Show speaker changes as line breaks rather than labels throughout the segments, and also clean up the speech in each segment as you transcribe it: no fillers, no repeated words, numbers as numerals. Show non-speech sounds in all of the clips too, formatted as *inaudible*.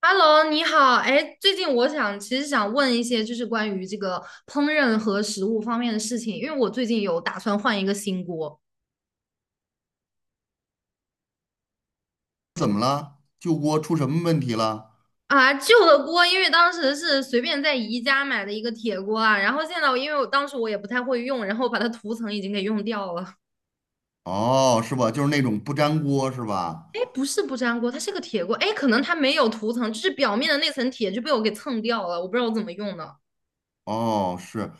Hello，你好。哎，最近其实想问一些就是关于这个烹饪和食物方面的事情，因为我最近有打算换一个新锅
怎么了？旧锅出什么问题了？
啊，旧的锅，因为当时是随便在宜家买的一个铁锅啊，然后现在我，因为我当时我也不太会用，然后把它涂层已经给用掉了。
哦，是吧？就是那种不粘锅是吧？
哎，不是不粘锅，它是个铁锅。哎，可能它没有涂层，就是表面的那层铁就被我给蹭掉了，我不知道我怎么用的。
哦，是。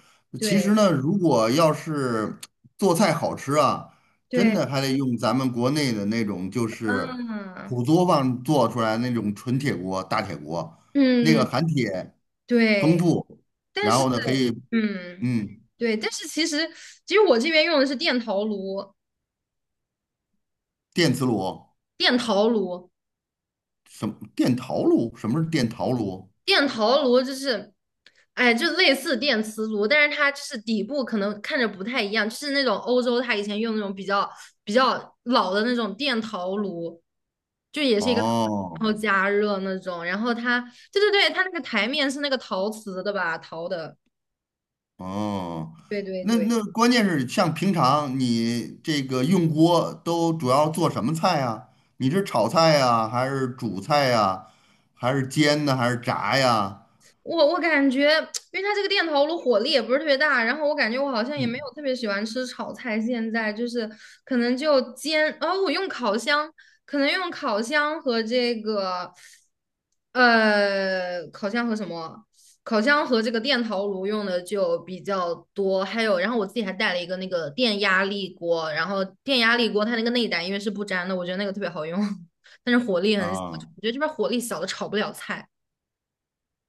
其实
对
呢，如果要是做菜好吃啊，真
对，
的还得用咱们国内的那种，就是
嗯
土作坊做出来那种纯铁锅、大铁锅，那个
嗯，
含铁丰
对。
富，
但
然
是，
后呢可以，
嗯，
嗯，
对，但是其实我这边用的是电陶炉，
电磁炉，
电陶炉，
什么电陶炉？什么是电陶炉？
电陶炉就是，哎，就类似电磁炉，但是它就是底部可能看着不太一样，就是那种欧洲它以前用那种比较老的那种电陶炉，就也是一个，
哦。
然后加热那种，然后它，对对对，它那个台面是那个陶瓷的吧，陶的，
哦，
对对
那
对。
那关键是像平常你这个用锅都主要做什么菜啊？你是炒菜呀，还是煮菜呀，还是煎呢，还是炸呀？
我感觉，因为它这个电陶炉火力也不是特别大，然后我感觉我好像也没有
嗯，
特别喜欢吃炒菜，现在就是可能就煎，哦，我用烤箱，可能用烤箱和这个，烤箱和什么？烤箱和这个电陶炉用的就比较多，还有，然后我自己还带了一个那个电压力锅，然后电压力锅它那个内胆因为是不粘的，我觉得那个特别好用，*laughs* 但是火力很小，
啊，
我觉得这边火力小的炒不了菜，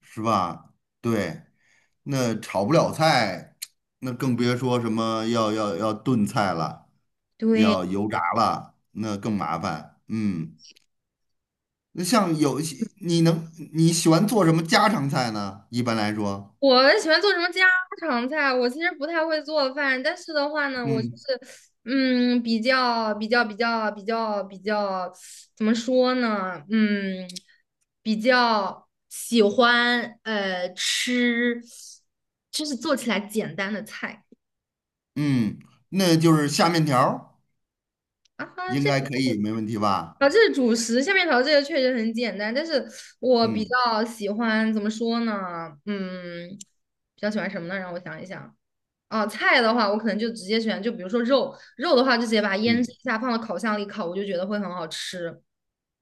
是吧？对，那炒不了菜，那更别说什么要炖菜了，
对。
要油炸了，那更麻烦。嗯，那像有一些你喜欢做什么家常菜呢？一般来说，
我喜欢做什么家常菜？我其实不太会做饭，但是的话呢，我就
嗯。
是，嗯，比较，怎么说呢？嗯，比较喜欢吃，就是做起来简单的菜
嗯，那就是下面条儿
啊哈。
应
这
该可以，没问题吧？
啊，这是主食，下面条这个确实很简单，但是我比
嗯
较喜欢怎么说呢？嗯，比较喜欢什么呢？让我想一想。啊，菜的话，我可能就直接选，就比如说肉，肉的话就直接把它腌制
嗯，
一下，放到烤箱里烤，我就觉得会很好吃。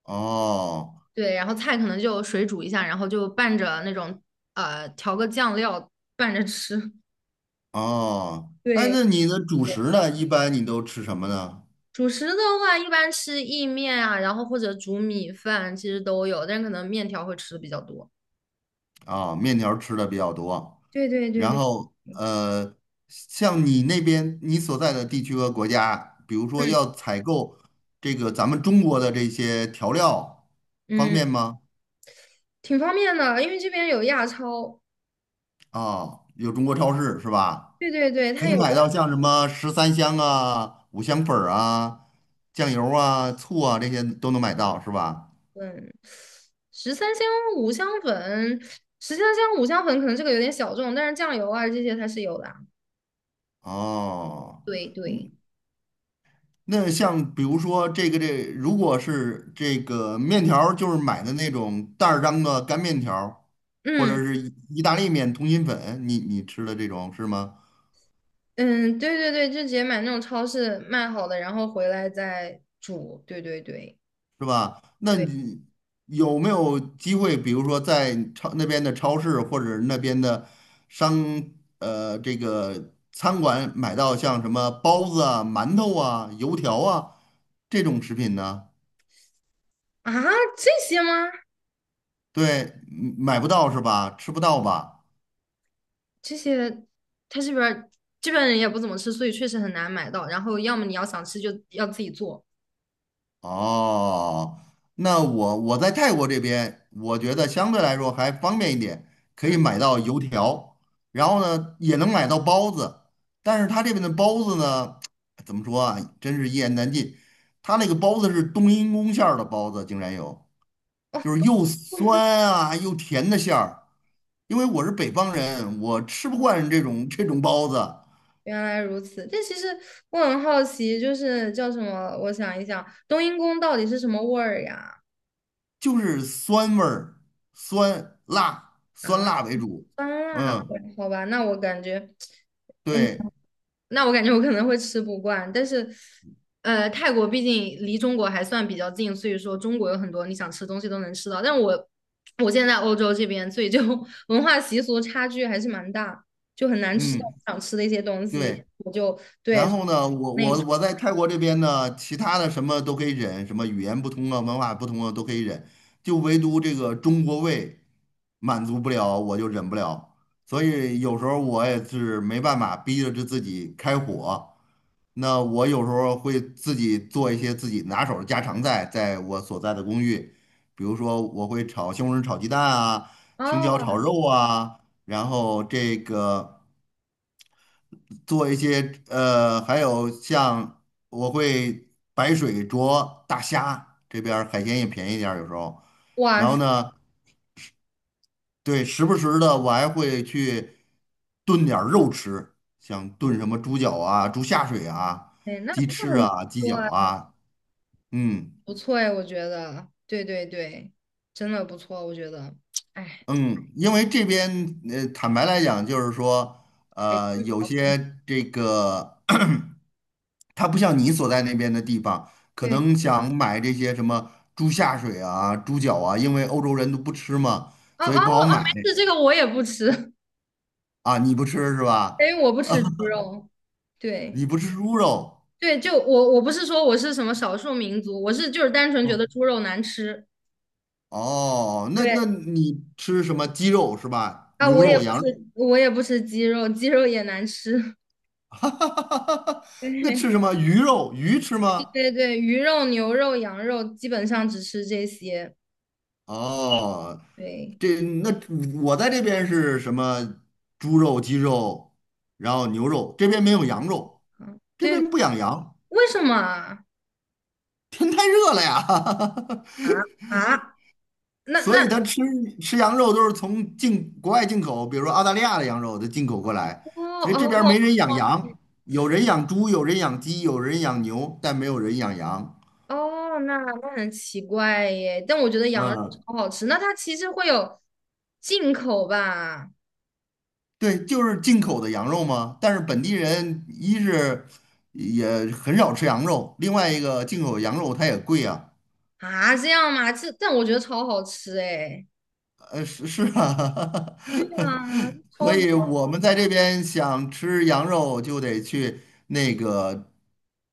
哦
对，然后菜可能就水煮一下，然后就拌着那种调个酱料拌着吃。*laughs*
哦，哎，
对
那你的主
对，
食呢？一般你都吃什么呢？
主食的话一般吃意面啊，然后或者煮米饭，其实都有，但是可能面条会吃的比较多。
啊、面条儿吃的比较多，
对对对
然
对，
后像你那边你所在的地区和国家，比如说
嗯
要采购这个咱们中国的这些调料，方
嗯，
便吗？
挺方便的，因为这边有亚超。
啊、有中国超市是吧？
对对对，
可
它
以
有。
买到像什么十三香啊、五香粉儿啊、酱油啊、醋啊这些都能买到，是吧？
嗯，十三香、五香粉，十三香、五香粉可能这个有点小众，但是酱油啊这些它是有的啊，
哦，
对对，
那像比如说这个这，如果是这个面条儿就是买的那种袋儿装的干面条儿或者
嗯
是意大利面、通心粉，你吃的这种是吗？
嗯，对对对，就直接买那种超市卖好的，然后回来再煮。对对对
是吧？那
对，
你有没有机会，比如说在超那边的超市或者那边的商这个餐馆买到像什么包子啊、馒头啊、油条啊这种食品呢？
啊，这些吗？
对，嗯买不到是吧？吃不到吧？
这些他这边人也不怎么吃，所以确实很难买到。然后要么你要想吃就要自己做
哦，那我我在泰国这边，我觉得相对来说还方便一点，可以
啊。
买到油条，然后呢也能买到包子，但是他这边的包子呢，*tsk* 怎么说啊，真是一言难尽。他那个包子是冬阴功馅儿的包子，竟然有，就
哦，
是又酸啊又甜的馅儿。因为我是北方人，我吃不惯这种包子，
原来如此，但其实我很好奇，就是叫什么？我想一想，冬阴功到底是什么味儿呀？
就是酸味儿，酸辣酸
啊，
辣为主。
酸辣
嗯，
味儿好吧，那我感觉，哎，
对。
那我感觉我可能会吃不惯。但是，泰国毕竟离中国还算比较近，所以说中国有很多你想吃的东西都能吃到。但我现在在欧洲这边，所以就 *laughs* 文化习俗差距还是蛮大，就很难吃到
嗯，
我想吃的一些东西。
对。
我就对，
然后呢，我在泰国这边呢，其他的什么都可以忍，什么语言不通啊、文化不通啊都可以忍，就唯独这个中国胃满足不了，我就忍不了。所以有时候我也是没办法，逼着自己开火。那我有时候会自己做一些自己拿手的家常菜，在我所在的公寓，比如说我会炒西红柿炒鸡蛋啊，青椒炒
哦，
肉啊，然后这个。做一些还有像我会白水灼大虾，这边儿海鲜也便宜点儿有时候。
哇
然后
塞，
呢，对，时不时的我还会去炖点儿肉吃，像炖什么猪脚啊、猪下水啊、
那
鸡翅
很
啊、鸡
多
脚
啊。
啊，嗯
不错哎，我觉得，对对对，真的不错，我觉得，哎，
嗯，因为这边坦白来讲，就是说
还是比
有
较丰富，
些这个 *clears throat*。它不像你所在那边的地方，可
对，
能想买这些什么猪下水啊、猪脚啊，因为欧洲人都不吃嘛，
哦
所
哦
以不好
哦，
买
没事，这个我也不吃，*laughs*
啊。你不吃是
因
吧？
为我不吃猪肉。对
你不吃猪肉，
对，就我不是说我是什么少数民族，我是就是单纯觉
嗯，
得猪肉难吃。
哦，那
对
那你吃什么鸡肉是吧？
啊，
牛肉、羊肉，
我也不吃鸡肉，鸡肉也难吃。
*laughs* 哈哈哈哈哈
*laughs*
那
对
吃什么鱼肉？鱼吃
对
吗？
对对，鱼肉、牛肉、羊肉基本上只吃这些。
哦，
对，
这那我在这边是什么猪肉、鸡肉，然后牛肉，这边没有羊肉，
啊，
这
对，
边不养羊。
为什么啊？
天太热了呀，
啊，
*laughs*
那
所
那
以他吃羊肉都是从国外进口，比如说澳大利亚的羊肉都进口过来，
哦
所以这
哦，
边儿
哦
没人养羊，有人养猪，有人养鸡，有人养牛，但没有人养羊。
哦，那很奇怪耶，但我觉得羊肉
嗯，
超好吃。那它其实会有进口吧？
对，就是进口的羊肉嘛。但是本地人一是也很少吃羊肉，另外一个进口羊肉它也贵啊。
啊，这样吗？这但我觉得超好吃哎。
是啊，
对啊，
*laughs* 所
超级
以
好
我们在这边想吃羊肉，就得去那个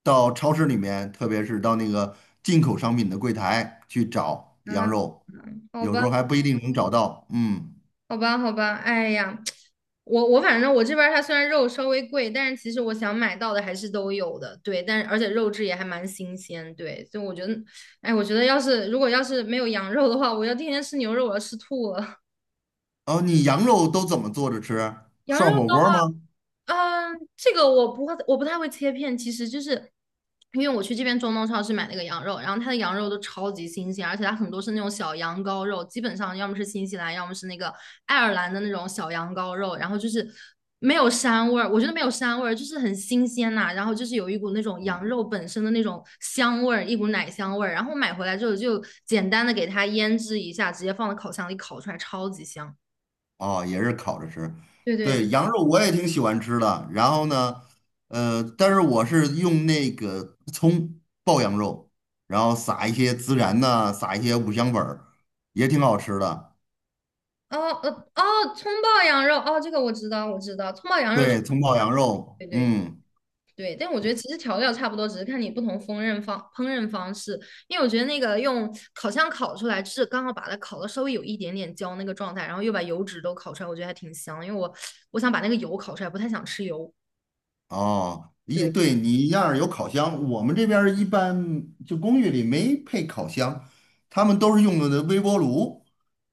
到超市里面，特别是到那个进口商品的柜台去找
吃
羊
啊。
肉，
好
有时
吧，
候还不一定能找到。嗯，
好吧，好吧。哎呀，我反正我这边儿它虽然肉稍微贵，但是其实我想买到的还是都有的。对，但是而且肉质也还蛮新鲜。对，所以我觉得，哎，我觉得要是如果没有羊肉的话，我要天天吃牛肉，我要吃吐了。*laughs*
哦，你羊肉都怎么做着吃？
羊肉。
涮火锅吗？
嗯，这个我不会，我不太会切片，其实就是因为我去这边中东超市买那个羊肉，然后它的羊肉都超级新鲜，而且它很多是那种小羊羔肉，基本上要么是新西兰，要么是那个爱尔兰的那种小羊羔肉，然后就是没有膻味儿，我觉得没有膻味儿，就是很新鲜呐、然后就是有一股那种羊肉本身的那种香味儿，一股奶香味儿，然后买回来之后就简单的给它腌制一下，直接放到烤箱里烤出来，超级香。
哦，也是烤着吃。
对对
对，
对，
羊肉我也挺喜欢吃的。然后呢，但是我是用那个葱爆羊肉，然后撒一些孜然呐、撒一些五香粉儿，也挺好吃的。
哦，哦，葱爆羊肉哦，这个我知道，我知道，葱爆羊肉，
对，葱爆羊肉，
对对
嗯。
对，但我觉得其实调料差不多，只是看你不同烹饪方式。因为我觉得那个用烤箱烤出来，是刚好把它烤的稍微有一点点焦那个状态，然后又把油脂都烤出来，我觉得还挺香。因为我想把那个油烤出来，不太想吃油。
哦，一
对，
对你那儿有烤箱，我们这边儿一般就公寓里没配烤箱，他们都是用的微波炉。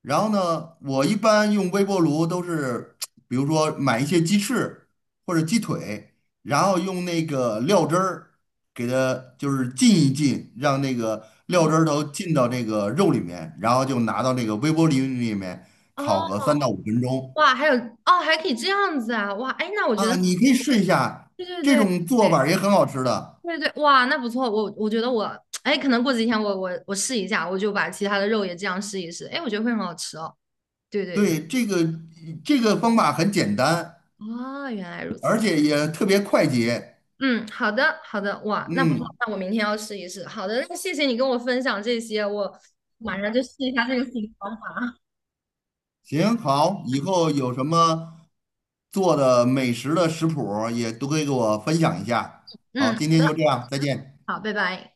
然后呢，我一般用微波炉都是，*tsk* 比如说买一些鸡翅或者鸡腿，然后用那个料汁儿给它就是浸一浸，让那个料
哦
汁儿都浸到这个肉里面，然后就拿到那个微波炉里面烤个
哦，
3到5分钟
哇，还有哦，还可以这样子啊，哇，哎，那我觉
啊，
得
你可以试一下，
对对
这
对对，
种做法儿也很好吃的。
对对，哇，那不错，我觉得我，哎，可能过几天我试一下，我就把其他的肉也这样试一试，哎，我觉得会很好吃哦。对对对，
对，这个这个方法很简单，
啊，原来如
而
此。
且也特别快捷。
嗯，好的好的，哇，那不错，
嗯，
那我明天要试一试。好的，那谢谢你跟我分享这些，我马上就试一下这个新方法。
行，好，以后有什么做的美食的食谱儿也都可以给我分享一下。好，
嗯，
今
好
天
的，
就这样，再见。
好，拜拜。